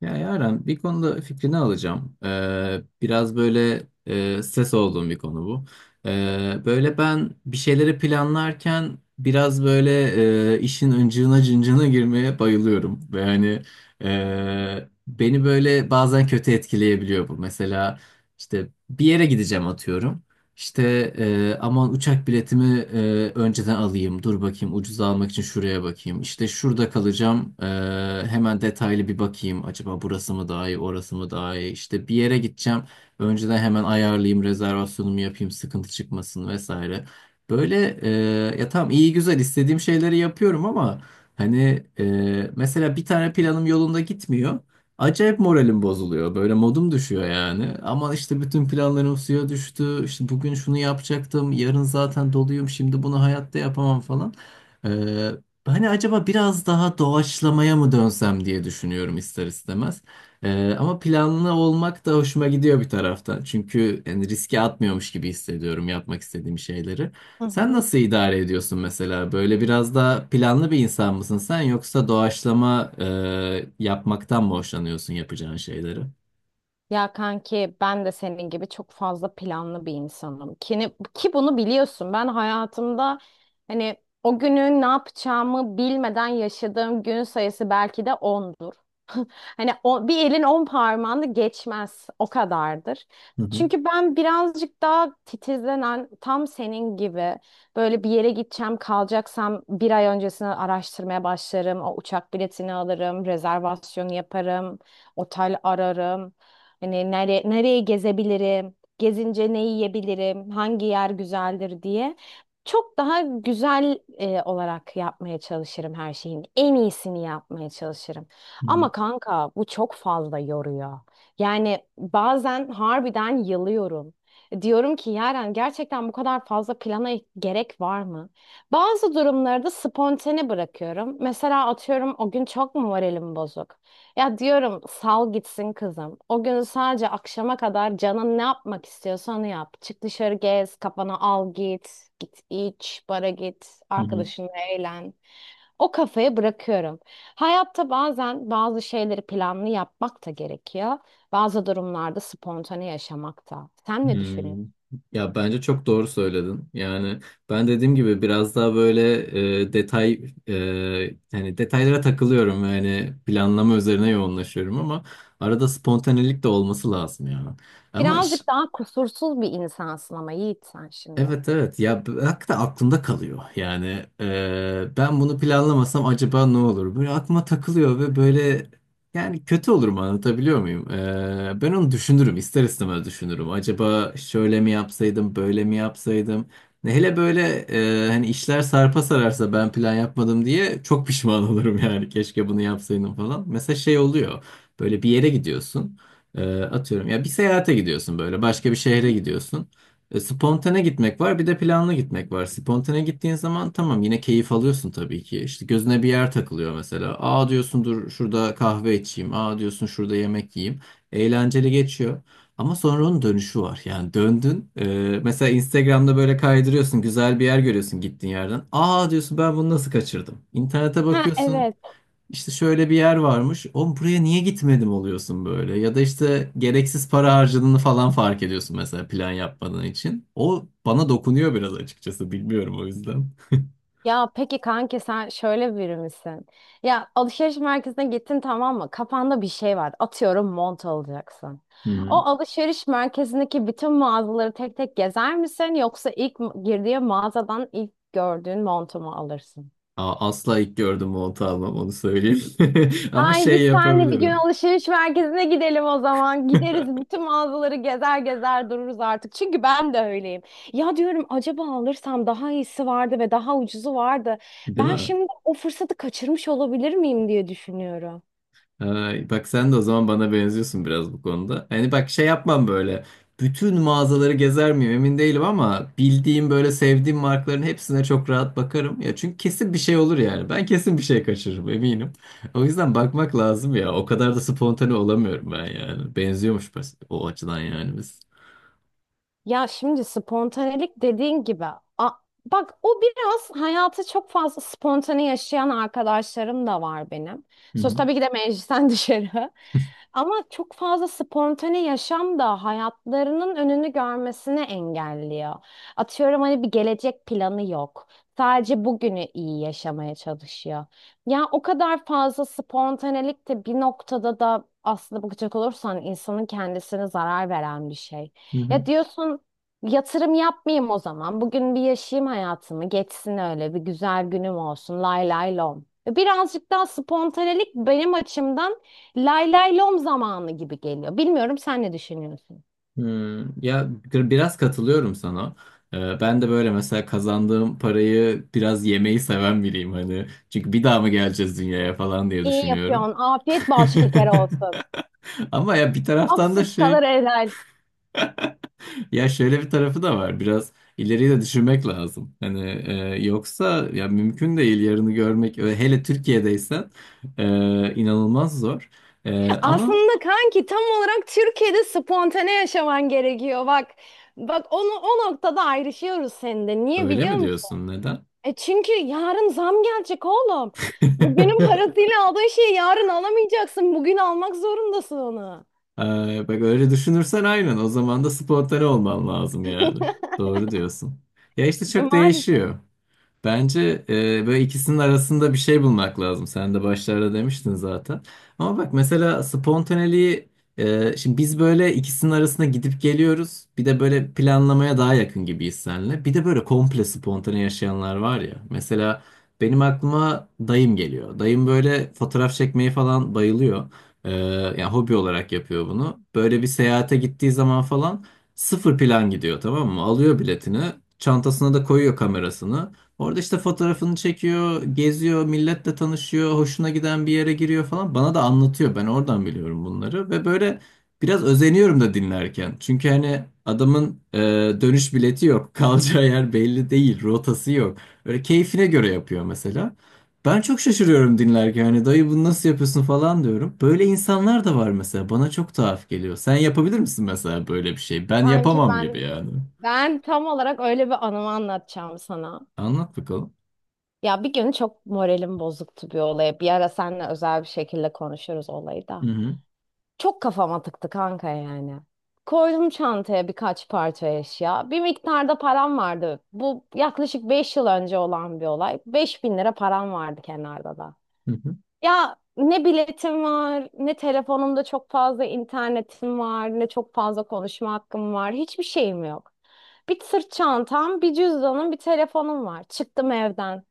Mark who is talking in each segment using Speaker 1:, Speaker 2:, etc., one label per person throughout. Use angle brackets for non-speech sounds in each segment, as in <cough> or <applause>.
Speaker 1: Ya Yaren bir konuda fikrini alacağım. Biraz böyle stres olduğum bir konu bu. Böyle ben bir şeyleri planlarken biraz böyle işin ıncığına cıncığına girmeye bayılıyorum. Ve hani beni böyle bazen kötü etkileyebiliyor bu. Mesela işte bir yere gideceğim, atıyorum. İşte aman uçak biletimi önceden alayım. Dur bakayım, ucuza almak için şuraya bakayım. İşte şurada kalacağım. Hemen detaylı bir bakayım. Acaba burası mı daha iyi, orası mı daha iyi? İşte bir yere gideceğim. Önceden hemen ayarlayayım, rezervasyonumu yapayım, sıkıntı çıkmasın vesaire. Böyle, ya tamam, iyi güzel istediğim şeyleri yapıyorum ama hani mesela bir tane planım yolunda gitmiyor. Acayip moralim bozuluyor. Böyle modum düşüyor yani. Ama işte bütün planlarım suya düştü. İşte bugün şunu yapacaktım. Yarın zaten doluyum. Şimdi bunu hayatta yapamam falan. Ee, hani acaba biraz daha doğaçlamaya mı dönsem diye düşünüyorum, ister istemez. Ama planlı olmak da hoşuma gidiyor bir taraftan. Çünkü yani riske atmıyormuş gibi hissediyorum yapmak istediğim şeyleri.
Speaker 2: Hı
Speaker 1: Sen
Speaker 2: hı.
Speaker 1: nasıl idare ediyorsun mesela? Böyle biraz daha planlı bir insan mısın sen, yoksa doğaçlama yapmaktan mı hoşlanıyorsun yapacağın şeyleri?
Speaker 2: Ya kanki ben de senin gibi çok fazla planlı bir insanım. Ki bunu biliyorsun. Ben hayatımda hani o günü ne yapacağımı bilmeden yaşadığım gün sayısı belki de ondur. <laughs> Hani o, bir elin 10 parmağını geçmez o kadardır.
Speaker 1: Hı hı.
Speaker 2: Çünkü ben birazcık daha titizlenen tam senin gibi böyle bir yere gideceğim kalacaksam bir ay öncesini araştırmaya başlarım. O uçak biletini alırım, rezervasyonu yaparım, otel ararım. Hani nereye gezebilirim, gezince ne yiyebilirim, hangi yer güzeldir diye. Çok daha güzel olarak yapmaya çalışırım her şeyin. En iyisini yapmaya çalışırım.
Speaker 1: Hı hı.
Speaker 2: Ama kanka bu çok fazla yoruyor. Yani bazen harbiden yılıyorum. Diyorum ki Yaren, gerçekten bu kadar fazla plana gerek var mı? Bazı durumlarda spontane bırakıyorum. Mesela atıyorum o gün çok mu moralim bozuk? Ya diyorum sal gitsin kızım. O gün sadece akşama kadar canın ne yapmak istiyorsa onu yap. Çık dışarı gez, kafana al git. Git iç, bara git,
Speaker 1: Hı hı.
Speaker 2: arkadaşınla eğlen. O kafaya bırakıyorum. Hayatta bazen bazı şeyleri planlı yapmak da gerekiyor. Bazı durumlarda spontane yaşamak da. Sen ne düşünüyorsun?
Speaker 1: Hmm. Ya bence çok doğru söyledin. Yani ben dediğim gibi biraz daha böyle e, detay e, yani detaylara takılıyorum, yani planlama üzerine yoğunlaşıyorum ama arada spontanelik de olması lazım ya. Ama iş.
Speaker 2: Birazcık daha kusursuz bir insansın ama Yiğit sen şimdi.
Speaker 1: Evet, evet ya, hakikaten aklımda kalıyor yani ben bunu planlamasam acaba ne olur böyle aklıma takılıyor. Ve böyle yani kötü olur mu, anlatabiliyor muyum? Ben onu düşünürüm, ister istemez düşünürüm, acaba şöyle mi yapsaydım, böyle mi yapsaydım, ne hele böyle hani işler sarpa sararsa ben plan yapmadım diye çok pişman <laughs> olurum yani, keşke bunu yapsaydım falan. Mesela şey oluyor, böyle bir yere gidiyorsun. Atıyorum ya, bir seyahate gidiyorsun, böyle başka bir şehre gidiyorsun. Spontane gitmek var, bir de planlı gitmek var. Spontane gittiğin zaman tamam, yine keyif alıyorsun tabii ki. İşte gözüne bir yer takılıyor mesela. Aa diyorsun, dur şurada kahve içeyim. Aa diyorsun, şurada yemek yiyeyim. Eğlenceli geçiyor. Ama sonra onun dönüşü var. Yani döndün. Mesela Instagram'da böyle kaydırıyorsun. Güzel bir yer görüyorsun gittiğin yerden. Aa diyorsun, ben bunu nasıl kaçırdım? İnternete
Speaker 2: Ha
Speaker 1: bakıyorsun.
Speaker 2: evet.
Speaker 1: İşte şöyle bir yer varmış. Oğlum buraya niye gitmedim oluyorsun böyle. Ya da işte gereksiz para harcadığını falan fark ediyorsun mesela, plan yapmadığın için. O bana dokunuyor biraz, açıkçası. Bilmiyorum, o yüzden.
Speaker 2: Ya peki kanki sen şöyle biri misin? Ya alışveriş merkezine gittin, tamam mı? Kafanda bir şey var. Atıyorum mont alacaksın.
Speaker 1: Hı hı.
Speaker 2: O
Speaker 1: <laughs>
Speaker 2: alışveriş merkezindeki bütün mağazaları tek tek gezer misin? Yoksa ilk girdiğin mağazadan ilk gördüğün montu mu alırsın?
Speaker 1: Asla ilk gördüğüm montu almam, onu söyleyeyim. <laughs> Ama
Speaker 2: Ay
Speaker 1: şey
Speaker 2: biz seninle bir gün
Speaker 1: yapabilirim.
Speaker 2: alışveriş merkezine gidelim o zaman. Gideriz,
Speaker 1: <laughs>
Speaker 2: bütün mağazaları gezer gezer dururuz artık. Çünkü ben de öyleyim. Ya diyorum acaba alırsam daha iyisi vardı ve daha ucuzu vardı.
Speaker 1: Değil
Speaker 2: Ben
Speaker 1: mi?
Speaker 2: şimdi o fırsatı kaçırmış olabilir miyim diye düşünüyorum.
Speaker 1: Ay, bak sen de o zaman bana benziyorsun biraz bu konuda. Hani bak, şey yapmam böyle. Bütün mağazaları gezer miyim emin değilim, ama bildiğim, böyle sevdiğim markaların hepsine çok rahat bakarım. Ya çünkü kesin bir şey olur yani. Ben kesin bir şey kaçırırım, eminim. <laughs> O yüzden bakmak lazım ya. O kadar da spontane olamıyorum ben yani. Benziyormuş, o açıdan yani biz.
Speaker 2: Ya şimdi spontanelik dediğin gibi a- bak, o biraz hayatı çok fazla spontane yaşayan arkadaşlarım da var benim.
Speaker 1: Hı
Speaker 2: Söz
Speaker 1: hı.
Speaker 2: tabii ki de meclisten <laughs> dışarı. Ama çok fazla spontane yaşam da hayatlarının önünü görmesini engelliyor. Atıyorum hani bir gelecek planı yok. Sadece bugünü iyi yaşamaya çalışıyor. Ya o kadar fazla spontanelik de bir noktada da aslında bakacak olursan insanın kendisine zarar veren bir şey.
Speaker 1: Hı hı.
Speaker 2: Ya diyorsun yatırım yapmayayım o zaman. Bugün bir yaşayayım hayatımı. Geçsin, öyle bir güzel günüm olsun. Lay lay lom. E, birazcık daha spontanelik benim açımdan lay lay lom zamanı gibi geliyor. Bilmiyorum, sen ne düşünüyorsun?
Speaker 1: Hmm, ya biraz katılıyorum sana. Ben de böyle mesela kazandığım parayı biraz yemeyi seven biriyim hani. Çünkü bir daha mı geleceğiz dünyaya falan diye
Speaker 2: İyi
Speaker 1: düşünüyorum.
Speaker 2: yapıyorsun. Afiyet bal şekeri olsun.
Speaker 1: <laughs> Ama ya bir
Speaker 2: Ak
Speaker 1: taraftan da
Speaker 2: süt kalır helal.
Speaker 1: ya şöyle bir tarafı da var. Biraz ileriyi de düşünmek lazım. Hani yoksa ya mümkün değil yarını görmek, hele Türkiye'deysen inanılmaz zor. Ama
Speaker 2: Aslında kanki tam olarak Türkiye'de spontane yaşaman gerekiyor. Bak bak, onu o noktada ayrışıyoruz seninle. Niye
Speaker 1: öyle
Speaker 2: biliyor
Speaker 1: mi
Speaker 2: musun?
Speaker 1: diyorsun, neden?
Speaker 2: E, çünkü yarın zam gelecek oğlum. Bugünün
Speaker 1: <laughs>
Speaker 2: parasıyla aldığın şeyi yarın alamayacaksın. Bugün almak zorundasın onu.
Speaker 1: Bak öyle düşünürsen, aynen o zaman da spontane olman lazım yani.
Speaker 2: <laughs>
Speaker 1: Doğru diyorsun. Ya işte çok
Speaker 2: Maalesef.
Speaker 1: değişiyor. Bence böyle ikisinin arasında bir şey bulmak lazım. Sen de başlarda demiştin zaten. Ama bak mesela spontaneliği, şimdi biz böyle ikisinin arasında gidip geliyoruz. Bir de böyle planlamaya daha yakın gibiyiz seninle. Bir de böyle komple spontane yaşayanlar var ya. Mesela benim aklıma dayım geliyor. Dayım böyle fotoğraf çekmeyi falan bayılıyor. Yani hobi olarak yapıyor bunu. Böyle bir seyahate gittiği zaman falan, sıfır plan gidiyor, tamam mı? Alıyor biletini. Çantasına da koyuyor kamerasını. Orada işte fotoğrafını çekiyor, geziyor, milletle tanışıyor, hoşuna giden bir yere giriyor falan. Bana da anlatıyor. Ben oradan biliyorum bunları ve böyle biraz özeniyorum da dinlerken. Çünkü hani adamın dönüş bileti yok, <laughs> kalacağı yer belli değil, rotası yok. Böyle keyfine göre yapıyor mesela. Ben çok şaşırıyorum dinlerken. Hani dayı, bunu nasıl yapıyorsun falan diyorum. Böyle insanlar da var mesela. Bana çok tuhaf geliyor. Sen yapabilir misin mesela böyle bir şey? Ben
Speaker 2: Sanki
Speaker 1: yapamam gibi
Speaker 2: ben
Speaker 1: yani.
Speaker 2: ben tam olarak öyle bir anımı anlatacağım sana.
Speaker 1: Anlat bakalım.
Speaker 2: Ya bir gün çok moralim bozuktu bir olaya. Bir ara seninle özel bir şekilde konuşuruz olayı
Speaker 1: Hı
Speaker 2: da.
Speaker 1: hı.
Speaker 2: Çok kafama tıktı kanka yani. Koydum çantaya birkaç parça eşya. Bir miktarda param vardı. Bu yaklaşık 5 yıl önce olan bir olay. 5.000 lira param vardı kenarda da.
Speaker 1: Hı hı.
Speaker 2: Ya ne biletim var, ne telefonumda çok fazla internetim var, ne çok fazla konuşma hakkım var. Hiçbir şeyim yok. Bir sırt çantam, bir cüzdanım, bir telefonum var. Çıktım evden.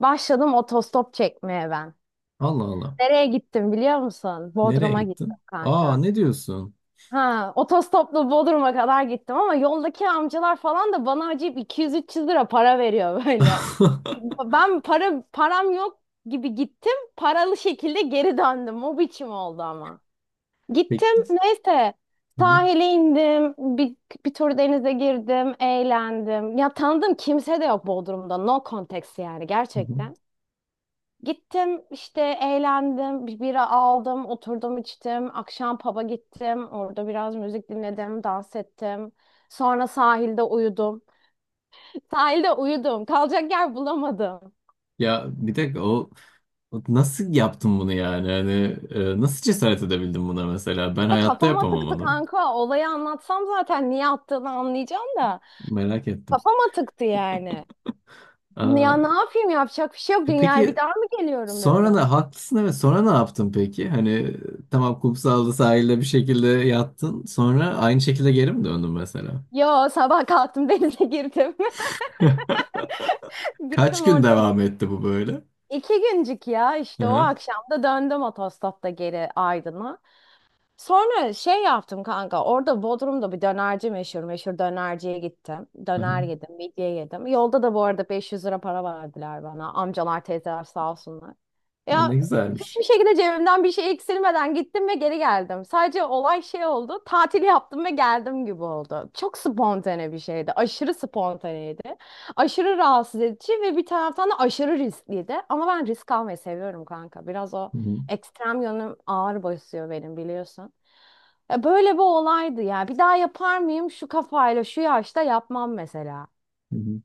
Speaker 2: Başladım otostop çekmeye ben.
Speaker 1: Allah Allah.
Speaker 2: Nereye gittim biliyor musun?
Speaker 1: Nereye
Speaker 2: Bodrum'a gittim
Speaker 1: gittin? Aa,
Speaker 2: kanka.
Speaker 1: ne diyorsun?
Speaker 2: Ha, otostopla Bodrum'a kadar gittim ama yoldaki amcalar falan da bana acayip 200 300 lira para veriyor böyle.
Speaker 1: <laughs>
Speaker 2: Ben param yok gibi gittim. Paralı şekilde geri döndüm. O biçim oldu ama. Gittim
Speaker 1: Peki.
Speaker 2: neyse
Speaker 1: Hı hı,
Speaker 2: sahile indim. Bir tur denize girdim. Eğlendim. Ya tanıdığım kimse de yok Bodrum'da. No context yani
Speaker 1: hı hı.
Speaker 2: gerçekten. Gittim işte eğlendim. Bir bira aldım. Oturdum içtim. Akşam pub'a gittim. Orada biraz müzik dinledim. Dans ettim. Sonra sahilde uyudum. <laughs> Sahilde uyudum. Kalacak yer bulamadım.
Speaker 1: Ya bir dakika, o nasıl yaptın bunu yani? Hani nasıl cesaret edebildin buna mesela? Ben
Speaker 2: De
Speaker 1: hayatta
Speaker 2: kafama
Speaker 1: yapamam
Speaker 2: tıktı
Speaker 1: onu.
Speaker 2: kanka. Olayı anlatsam zaten niye attığını anlayacağım da.
Speaker 1: Merak ettim.
Speaker 2: Kafama tıktı yani. Ya
Speaker 1: Aa,
Speaker 2: ne yapayım, yapacak bir şey yok. Dünyaya bir
Speaker 1: peki
Speaker 2: daha mı geliyorum dedi.
Speaker 1: sonra ne haklısın, evet, sonra ne yaptın peki? Hani tamam, kumsalda sahilde bir şekilde yattın. Sonra aynı şekilde geri mi döndün mesela?
Speaker 2: Yo, sabah kalktım, <laughs> denize girdim.
Speaker 1: <laughs>
Speaker 2: <laughs>
Speaker 1: Kaç
Speaker 2: Gittim
Speaker 1: gün
Speaker 2: orada.
Speaker 1: devam etti bu böyle?
Speaker 2: İki güncük, ya
Speaker 1: Hı
Speaker 2: işte o
Speaker 1: hı.
Speaker 2: akşam da döndüm otostopta geri Aydın'a. Sonra şey yaptım kanka. Orada Bodrum'da bir dönerci meşhur. Meşhur dönerciye gittim. Döner yedim, midye yedim. Yolda da bu arada 500 lira para verdiler bana. Amcalar, teyzeler sağ olsunlar.
Speaker 1: Ya, ne
Speaker 2: Ya hiçbir
Speaker 1: güzelmiş.
Speaker 2: şekilde cebimden bir şey eksilmeden gittim ve geri geldim. Sadece olay şey oldu. Tatil yaptım ve geldim gibi oldu. Çok spontane bir şeydi. Aşırı spontaneydi. Aşırı rahatsız edici ve bir taraftan da aşırı riskliydi. Ama ben risk almayı seviyorum kanka. Biraz o
Speaker 1: Hı hı,
Speaker 2: ekstrem yönüm ağır basıyor benim, biliyorsun. Ya böyle bir olaydı ya. Bir daha yapar mıyım şu kafayla şu yaşta yapmam mesela.
Speaker 1: hı hı.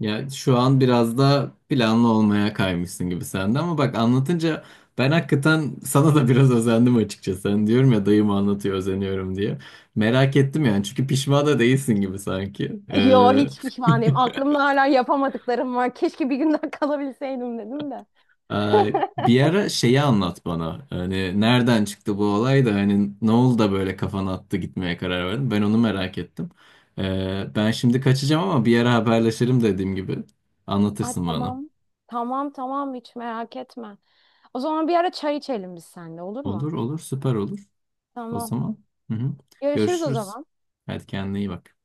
Speaker 1: Ya şu an biraz da planlı olmaya kaymışsın gibi sende, ama bak anlatınca ben hakikaten <laughs> sana da biraz özendim açıkçası. Hani diyorum ya, dayım anlatıyor özeniyorum diye. Merak ettim yani, çünkü pişman da değilsin gibi sanki.
Speaker 2: Yo, hiç pişman değilim.
Speaker 1: <laughs>
Speaker 2: Aklımda hala yapamadıklarım var. Keşke bir gün daha <laughs> kalabilseydim dedim de.
Speaker 1: Bir
Speaker 2: <laughs>
Speaker 1: ara şeyi anlat bana. Hani nereden çıktı bu olay da, hani ne oldu da böyle kafana attı, gitmeye karar verdin? Ben onu merak ettim. Ben şimdi kaçacağım ama bir ara haberleşelim, dediğim gibi.
Speaker 2: Ay
Speaker 1: Anlatırsın bana.
Speaker 2: tamam. Tamam tamam hiç merak etme. O zaman bir ara çay içelim biz seninle, olur mu?
Speaker 1: Olur olur, süper olur. O
Speaker 2: Tamam.
Speaker 1: zaman, hı hı.
Speaker 2: Görüşürüz o
Speaker 1: Görüşürüz.
Speaker 2: zaman.
Speaker 1: Hadi kendine iyi bak.